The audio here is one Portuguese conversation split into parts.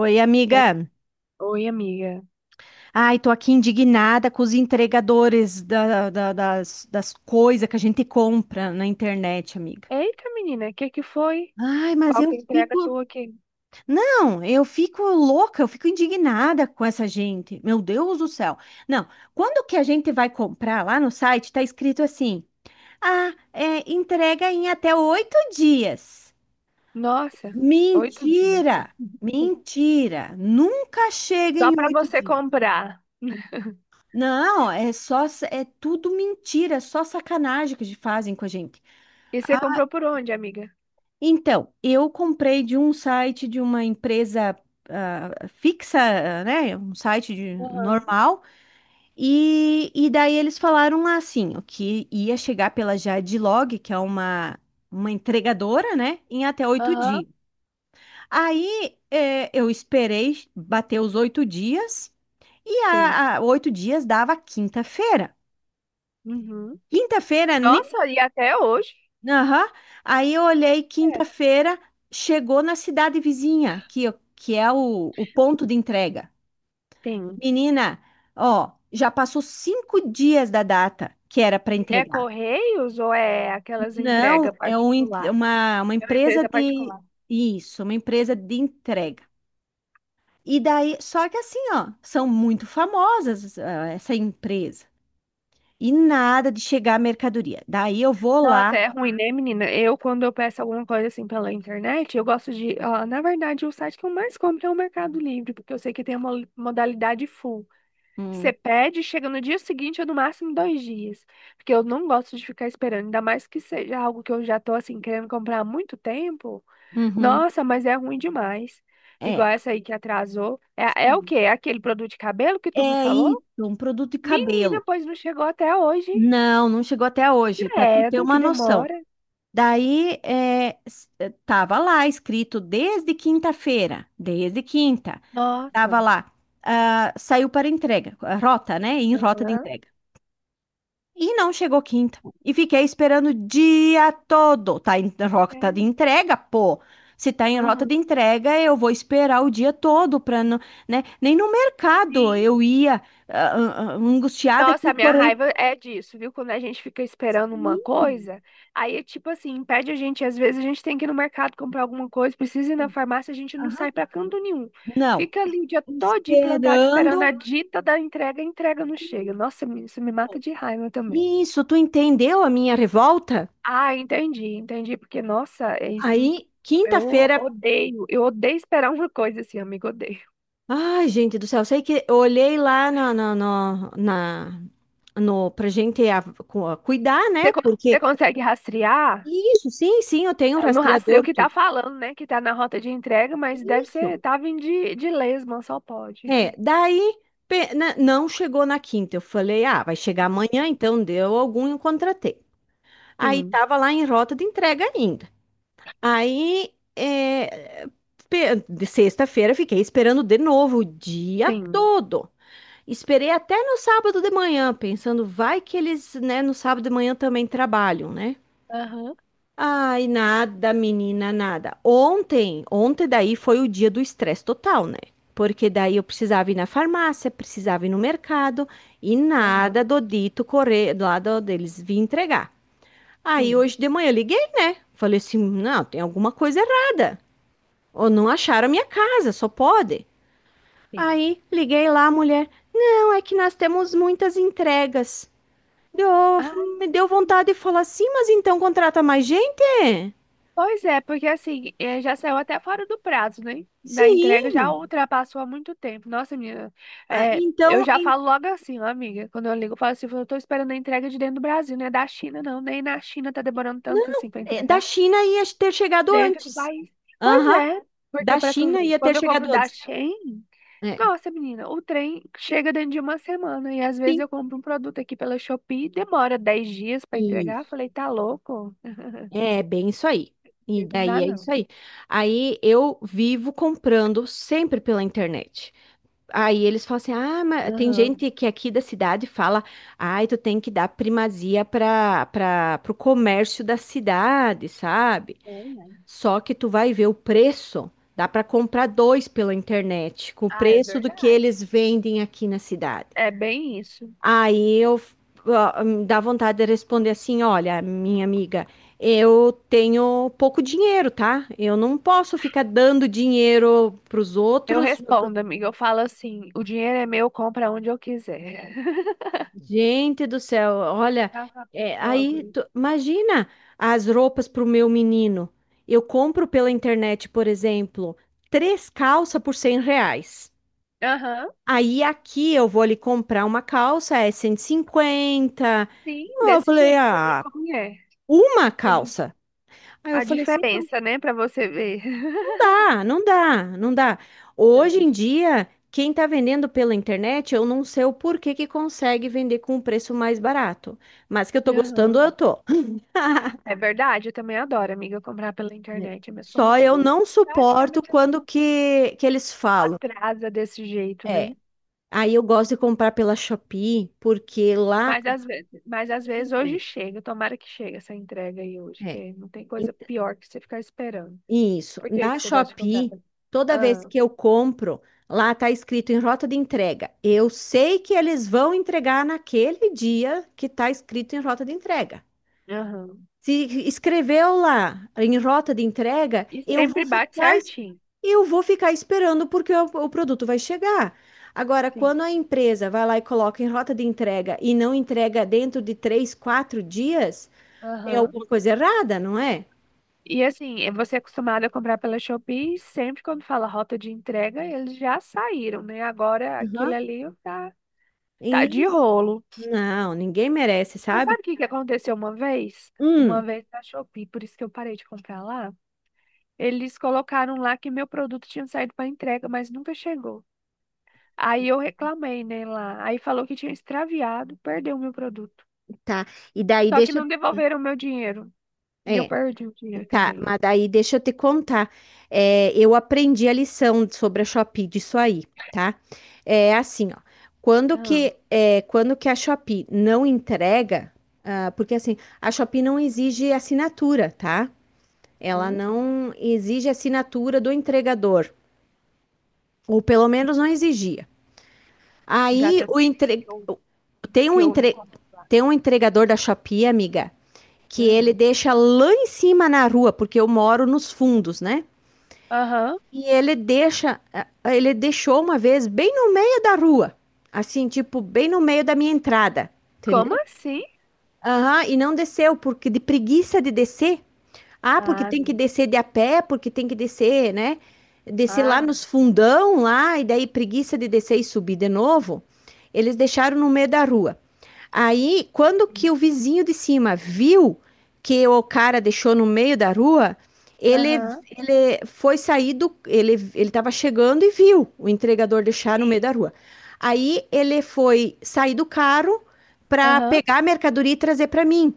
Oi, Oi, amiga. oi, amiga. Ai, tô aqui indignada com os entregadores das coisas que a gente compra na internet, amiga. Eita, menina, o que que foi? Ai, mas Qual eu que é a fico. entrega tua aqui? Não, eu fico louca, eu fico indignada com essa gente. Meu Deus do céu. Não, quando que a gente vai comprar lá no site, tá escrito assim: ah, é, entrega em até 8 dias. Nossa, 8 dias. Mentira! Mentira! Nunca chega Só em pra oito você dias. comprar. Não, é tudo mentira, é só sacanagem que eles fazem com a gente. E você comprou por onde, amiga? Então, eu comprei de um site de uma empresa ah, fixa, ah, né, um site Aham. normal, e daí eles falaram lá assim, o que ia chegar pela Jadlog, que é uma entregadora, né, em até oito Aham, dias. Aí eu esperei bater os 8 dias, e sim. 8 dias dava quinta-feira. Uhum. Quinta-feira nem. Nossa, e até hoje? Aham. Aí eu olhei É. quinta-feira, chegou na cidade vizinha, que é o ponto de entrega. Tem. Menina, ó, já passou 5 dias da data que era para E é entregar. Correios ou é aquelas Não, entregas é um particular? uma É uma empresa empresa de. particular. Isso, uma empresa de entrega. E daí, só que assim, ó, são muito famosas, ah, essa empresa. E nada de chegar a mercadoria. Daí eu vou Nossa, lá. é ruim, né, menina? Eu, quando eu peço alguma coisa assim pela internet, eu gosto de. Ó, na verdade, o site que eu mais compro é o Mercado Livre, porque eu sei que tem uma modalidade full. Você Hum. pede, chega no dia seguinte ou no máximo 2 dias. Porque eu não gosto de ficar esperando, ainda mais que seja algo que eu já tô assim querendo comprar há muito tempo. Uhum. Nossa, mas é ruim demais. É. Igual essa aí que atrasou. É o quê? É aquele produto de cabelo que tu me É falou? isso, um produto de Menina, cabelo. pois não chegou até hoje. Não, não chegou até hoje, para tu ter Credo, uma que noção. demora. Daí, é, tava lá escrito desde quinta-feira, desde quinta, Nossa. tava lá, ah, saiu para entrega, a rota, né? Em rota de Aham. entrega. E não chegou quinta. E fiquei esperando o dia todo. Tá em rota de É. entrega, pô. Se tá em rota Uhum. de entrega, eu vou esperar o dia todo para não, né? Nem no mercado eu Sim. ia angustiada que Nossa, o a minha correio. raiva é disso, viu? Quando a gente fica esperando uma Sim. coisa, aí, é tipo assim, impede a gente. Às vezes a gente tem que ir no mercado comprar alguma coisa, precisa ir na Sim. farmácia, a gente não sai Aham. pra canto nenhum. Não. Fica ali o dia todo implantado esperando Esperando. a dita da entrega, a entrega não chega. Isso. Nossa, isso me mata de raiva também. Isso, tu entendeu a minha revolta? Ah, entendi, entendi. Porque, nossa, Aí, quinta-feira. Eu odeio esperar uma coisa assim, amigo, odeio. Ai, gente do céu, sei que eu olhei lá no, pra gente a cuidar, né? Você, con- Você Porque. consegue rastrear? Isso, sim, sim, eu tenho No rastreio rastreador, que tá tudo. falando, né? Que tá na rota de entrega, mas deve Isso. ser, tá vindo de lesma, só pode. É, daí não chegou na quinta. Eu falei, ah, vai chegar amanhã, então deu algum, e eu contratei. Aí Sim, tava lá em rota de entrega ainda. Aí, é, de sexta-feira, fiquei esperando de novo o dia sim. todo. Esperei até no sábado de manhã, pensando, vai que eles, né, no sábado de manhã também trabalham, né? Aham, Ai, nada, menina, nada. Ontem, ontem daí foi o dia do estresse total, né? Porque daí eu precisava ir na farmácia, precisava ir no mercado e aham, nada do dito correr lá deles vir entregar. Aí sim, hoje de manhã eu liguei, né? Falei assim, não, tem alguma coisa errada. Ou não acharam a minha casa, só pode. sim. Aí liguei lá, a mulher. Não, é que nós temos muitas entregas. Deu, Ah, me deu vontade de falar assim, mas então contrata mais gente? pois é, porque assim, já saiu até fora do prazo, né? Da entrega já Sim. ultrapassou há muito tempo. Nossa, Ah, eu então, já falo logo assim, ó, amiga, quando eu ligo, eu falo assim, eu tô esperando a entrega de dentro do Brasil, não é da China, não. Nem na China tá demorando tanto não, assim pra é, da entregar China ia ter chegado dentro do antes. país. Pois Aham, é, porque da pra tu China ver, ia ter quando eu chegado compro da antes. Shein. É, Nossa, menina, o trem chega dentro de uma semana e às vezes sim. eu compro um produto aqui pela Shopee, demora 10 dias pra E entregar. Falei, tá louco? é bem isso aí. E Não daí dá é isso não. aí. Aí eu vivo comprando sempre pela internet. Aí eles falam assim: ah, mas tem Aham. gente que aqui da cidade fala, ai, tu tem que dar primazia para pro comércio da cidade, sabe? É, né? Só que tu vai ver o preço, dá para comprar dois pela internet, com o Ah, é preço do que verdade. eles vendem aqui na cidade. É bem isso. Aí eu ó, me dá vontade de responder assim: olha, minha amiga, eu tenho pouco dinheiro, tá? Eu não posso ficar dando dinheiro para os Eu outros. respondo, amiga. Eu falo assim: o dinheiro é meu, compra onde eu quiser. Gente do céu, olha, Tava é, logo aí isso. Imagina as roupas para o meu menino. Eu compro pela internet, por exemplo, três calças por R$ 100. Aham, Aí aqui eu vou ali comprar uma calça, é 150. sim, Eu desse falei, jeito, você vê ah, como é. uma calça. Aí eu A falei assim, "Então, não diferença, né, pra você ver. dá, não dá, não dá." Hoje em Grande. dia, quem está vendendo pela internet, eu não sei o porquê que consegue vender com um preço mais barato. Mas que eu tô gostando, eu Aham. tô. É verdade, eu também adoro, amiga, comprar pela internet, mas compra Só eu tudo não suporto praticamente essa quando que eles falam. atrasa desse jeito, É. né? Aí eu gosto de comprar pela Shopee, porque lá Mas às vezes, mas às eles vezes hoje entregam. chega, tomara que chegue essa entrega aí hoje, É. que não tem E- coisa pior que você ficar esperando. Isso. Por que Na que você gosta de comprar Shopee, pela... toda vez Ah, que eu compro, lá tá escrito em rota de entrega. Eu sei que eles vão entregar naquele dia que tá escrito em rota de entrega. aham. Se escreveu lá em rota de entrega, E sempre bate certinho. Eu vou ficar esperando porque o produto vai chegar. Agora, Sim. quando a empresa vai lá e coloca em rota de entrega e não entrega dentro de 3, 4 dias, tem Aham. alguma coisa errada, não é? E assim, você é acostumado a comprar pela Shopee, e sempre quando fala rota de entrega, eles já saíram, né? Agora aquilo Aham. ali tá de Isso. rolo. Não, ninguém merece, Mas sabe? sabe o que que aconteceu uma vez? Uma Hum. vez na Shopee, por isso que eu parei de comprar lá. Eles colocaram lá que meu produto tinha saído para entrega, mas nunca chegou. Aí eu reclamei, né, lá. Aí falou que tinha extraviado, perdeu o meu produto. Tá. E daí Só que deixa. não devolveram o meu dinheiro. E eu É. perdi o dinheiro Tá, também. mas daí deixa eu te contar. É, eu aprendi a lição sobre a Shopee disso aí, tá? É assim, ó. Quando Aham. que, é, quando que a Shopee não entrega, ah, porque assim, a Shopee não exige assinatura, tá? Ela não exige assinatura do entregador, ou pelo menos não exigia. Já Aí tem um o tempinho que eu, que eu não entre... compro lá. tem um entregador da Shopee, amiga, que Ah. ele deixa lá em cima na rua, porque eu moro nos fundos, né? Aham. E ele deixa, eh, ele deixou uma vez bem no meio da rua, assim, tipo, bem no meio da minha entrada, Como entendeu? assim? Aham, e não desceu, porque de preguiça de descer, ah, porque Ah, tem que não. descer de a pé, porque tem que descer, né? Descer Ah, lá não. nos fundão lá, e daí preguiça de descer e subir de novo. Eles deixaram no meio da rua. Aí, quando que Sim. o vizinho de cima viu que o cara deixou no meio da rua, ele, Aham. ele foi sair do. Ele estava chegando e viu o entregador deixar no meio Sim. da rua. Aí ele foi sair do carro para Aham. pegar a mercadoria e trazer para mim.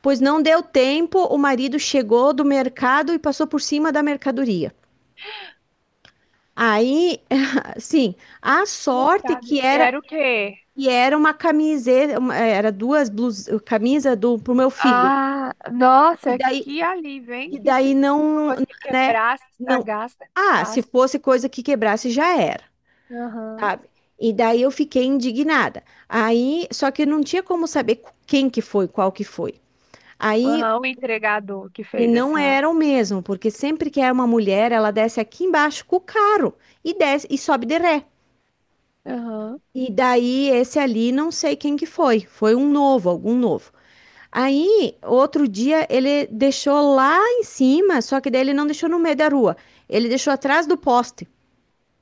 Pois não deu tempo, o marido chegou do mercado e passou por cima da mercadoria. Aí, sim, a sorte Coitada. que era Era o quê? que era uma camiseta, era duas blusas, camisa do pro meu filho. Ah, E nossa, daí, que alívio, e hein? Que se daí fosse uma não, coisa que né, quebrasse, não. estragasse, Ah, se gastasse. fosse coisa que quebrasse já era, Aham. sabe? E daí eu fiquei indignada. Aí, só que não tinha como saber quem que foi, qual que foi. Aí. Aham, o entregador que E fez não essa. eram mesmo, porque sempre que é uma mulher, ela desce aqui embaixo com o carro e desce e sobe de ré. Aham. E daí esse ali, não sei quem que foi, foi um novo, algum novo. Aí, outro dia, ele deixou lá em cima, só que daí ele não deixou no meio da rua, ele deixou atrás do poste.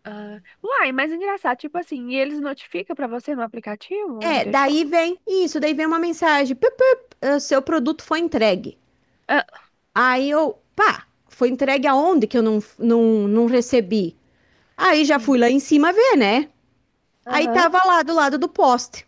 Ah. Uai, mas engraçado, tipo assim, e eles notificam pra você no aplicativo onde É, deixou? daí vem isso, daí vem uma mensagem, "Pup, pup, seu produto foi entregue." Ah, Aí eu, pá, foi entregue aonde que eu não recebi? Aí já fui sim. lá em cima ver, né? Aí Aham. tava lá do lado do poste.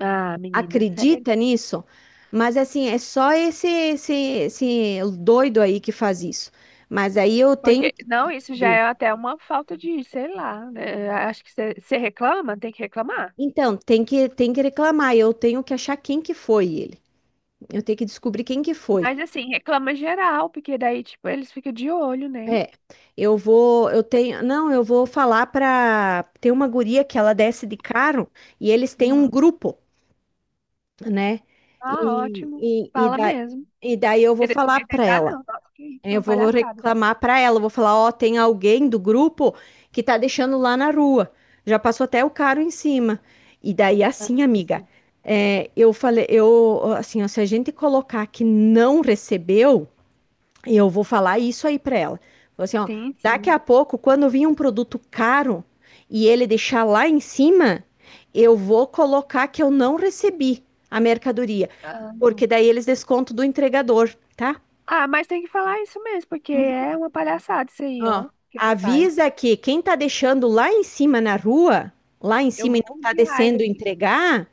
Ah, menina, sério. Acredita nisso? Mas assim, é só esse doido aí que faz isso. Mas aí eu tenho Porque, que não, isso já descobrir. é até uma falta de, sei lá, né? Acho que você reclama, tem que reclamar. Então, tem que reclamar. Eu tenho que achar quem que foi ele. Eu tenho que descobrir quem que foi. Mas assim, reclama geral, porque daí, tipo, eles ficam de olho, né? É, eu vou, eu tenho, não, eu vou falar pra. Tem uma guria que ela desce de carro e eles têm um Uhum. grupo, né? Ah, E, ótimo. e, e, Fala da, mesmo. e daí eu vou E desse falar jeito pra ainda ela. não. Nossa, que isso, é Eu uma vou palhaçada. reclamar pra ela, eu vou falar, ó, tem alguém do grupo que tá deixando lá na rua. Já passou até o caro em cima. E daí Ah, assim, amiga, é, eu falei, eu assim, ó, se a gente colocar que não recebeu, eu vou falar isso aí pra ela. Vou assim, ó, sim, daqui a sim. pouco, quando vir um produto caro e ele deixar lá em cima, eu vou colocar que eu não recebi a mercadoria, Ah, porque não. daí eles descontam do entregador, tá? Ah, mas tem que falar isso mesmo, porque é uma palhaçada isso aí, Ó, ó, que ele faz. avisa que quem tá deixando lá em cima na rua, lá em Eu cima e não morro tá de raiva descendo disso. entregar,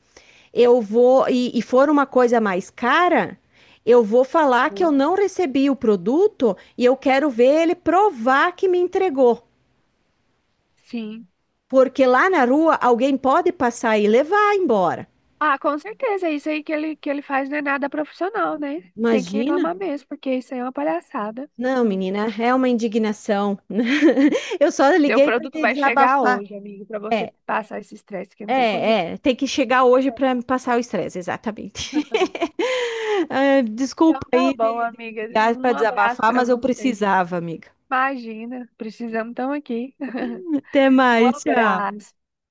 e for uma coisa mais cara, eu vou falar que eu Aham. não recebi o produto e eu quero ver ele provar que me entregou. Sim. Porque lá na rua alguém pode passar e levar embora. Ah, com certeza. Isso aí que ele, faz não é nada profissional, né? Tem que Imagina? reclamar mesmo, porque isso aí é uma palhaçada. Não, Hum. menina, é uma indignação. Eu só Seu liguei para produto te vai chegar desabafar. hoje, amigo, pra você É, passar esse estresse, que não tem coisa é, tem que chegar hoje pior. para me passar o estresse, exatamente. Ah, Então desculpa tá aí bom, de amiga. ligar para Um abraço desabafar, pra mas eu você. precisava, amiga. Imagina, precisamos, estamos aqui. Até Um mais, tchau. abraço.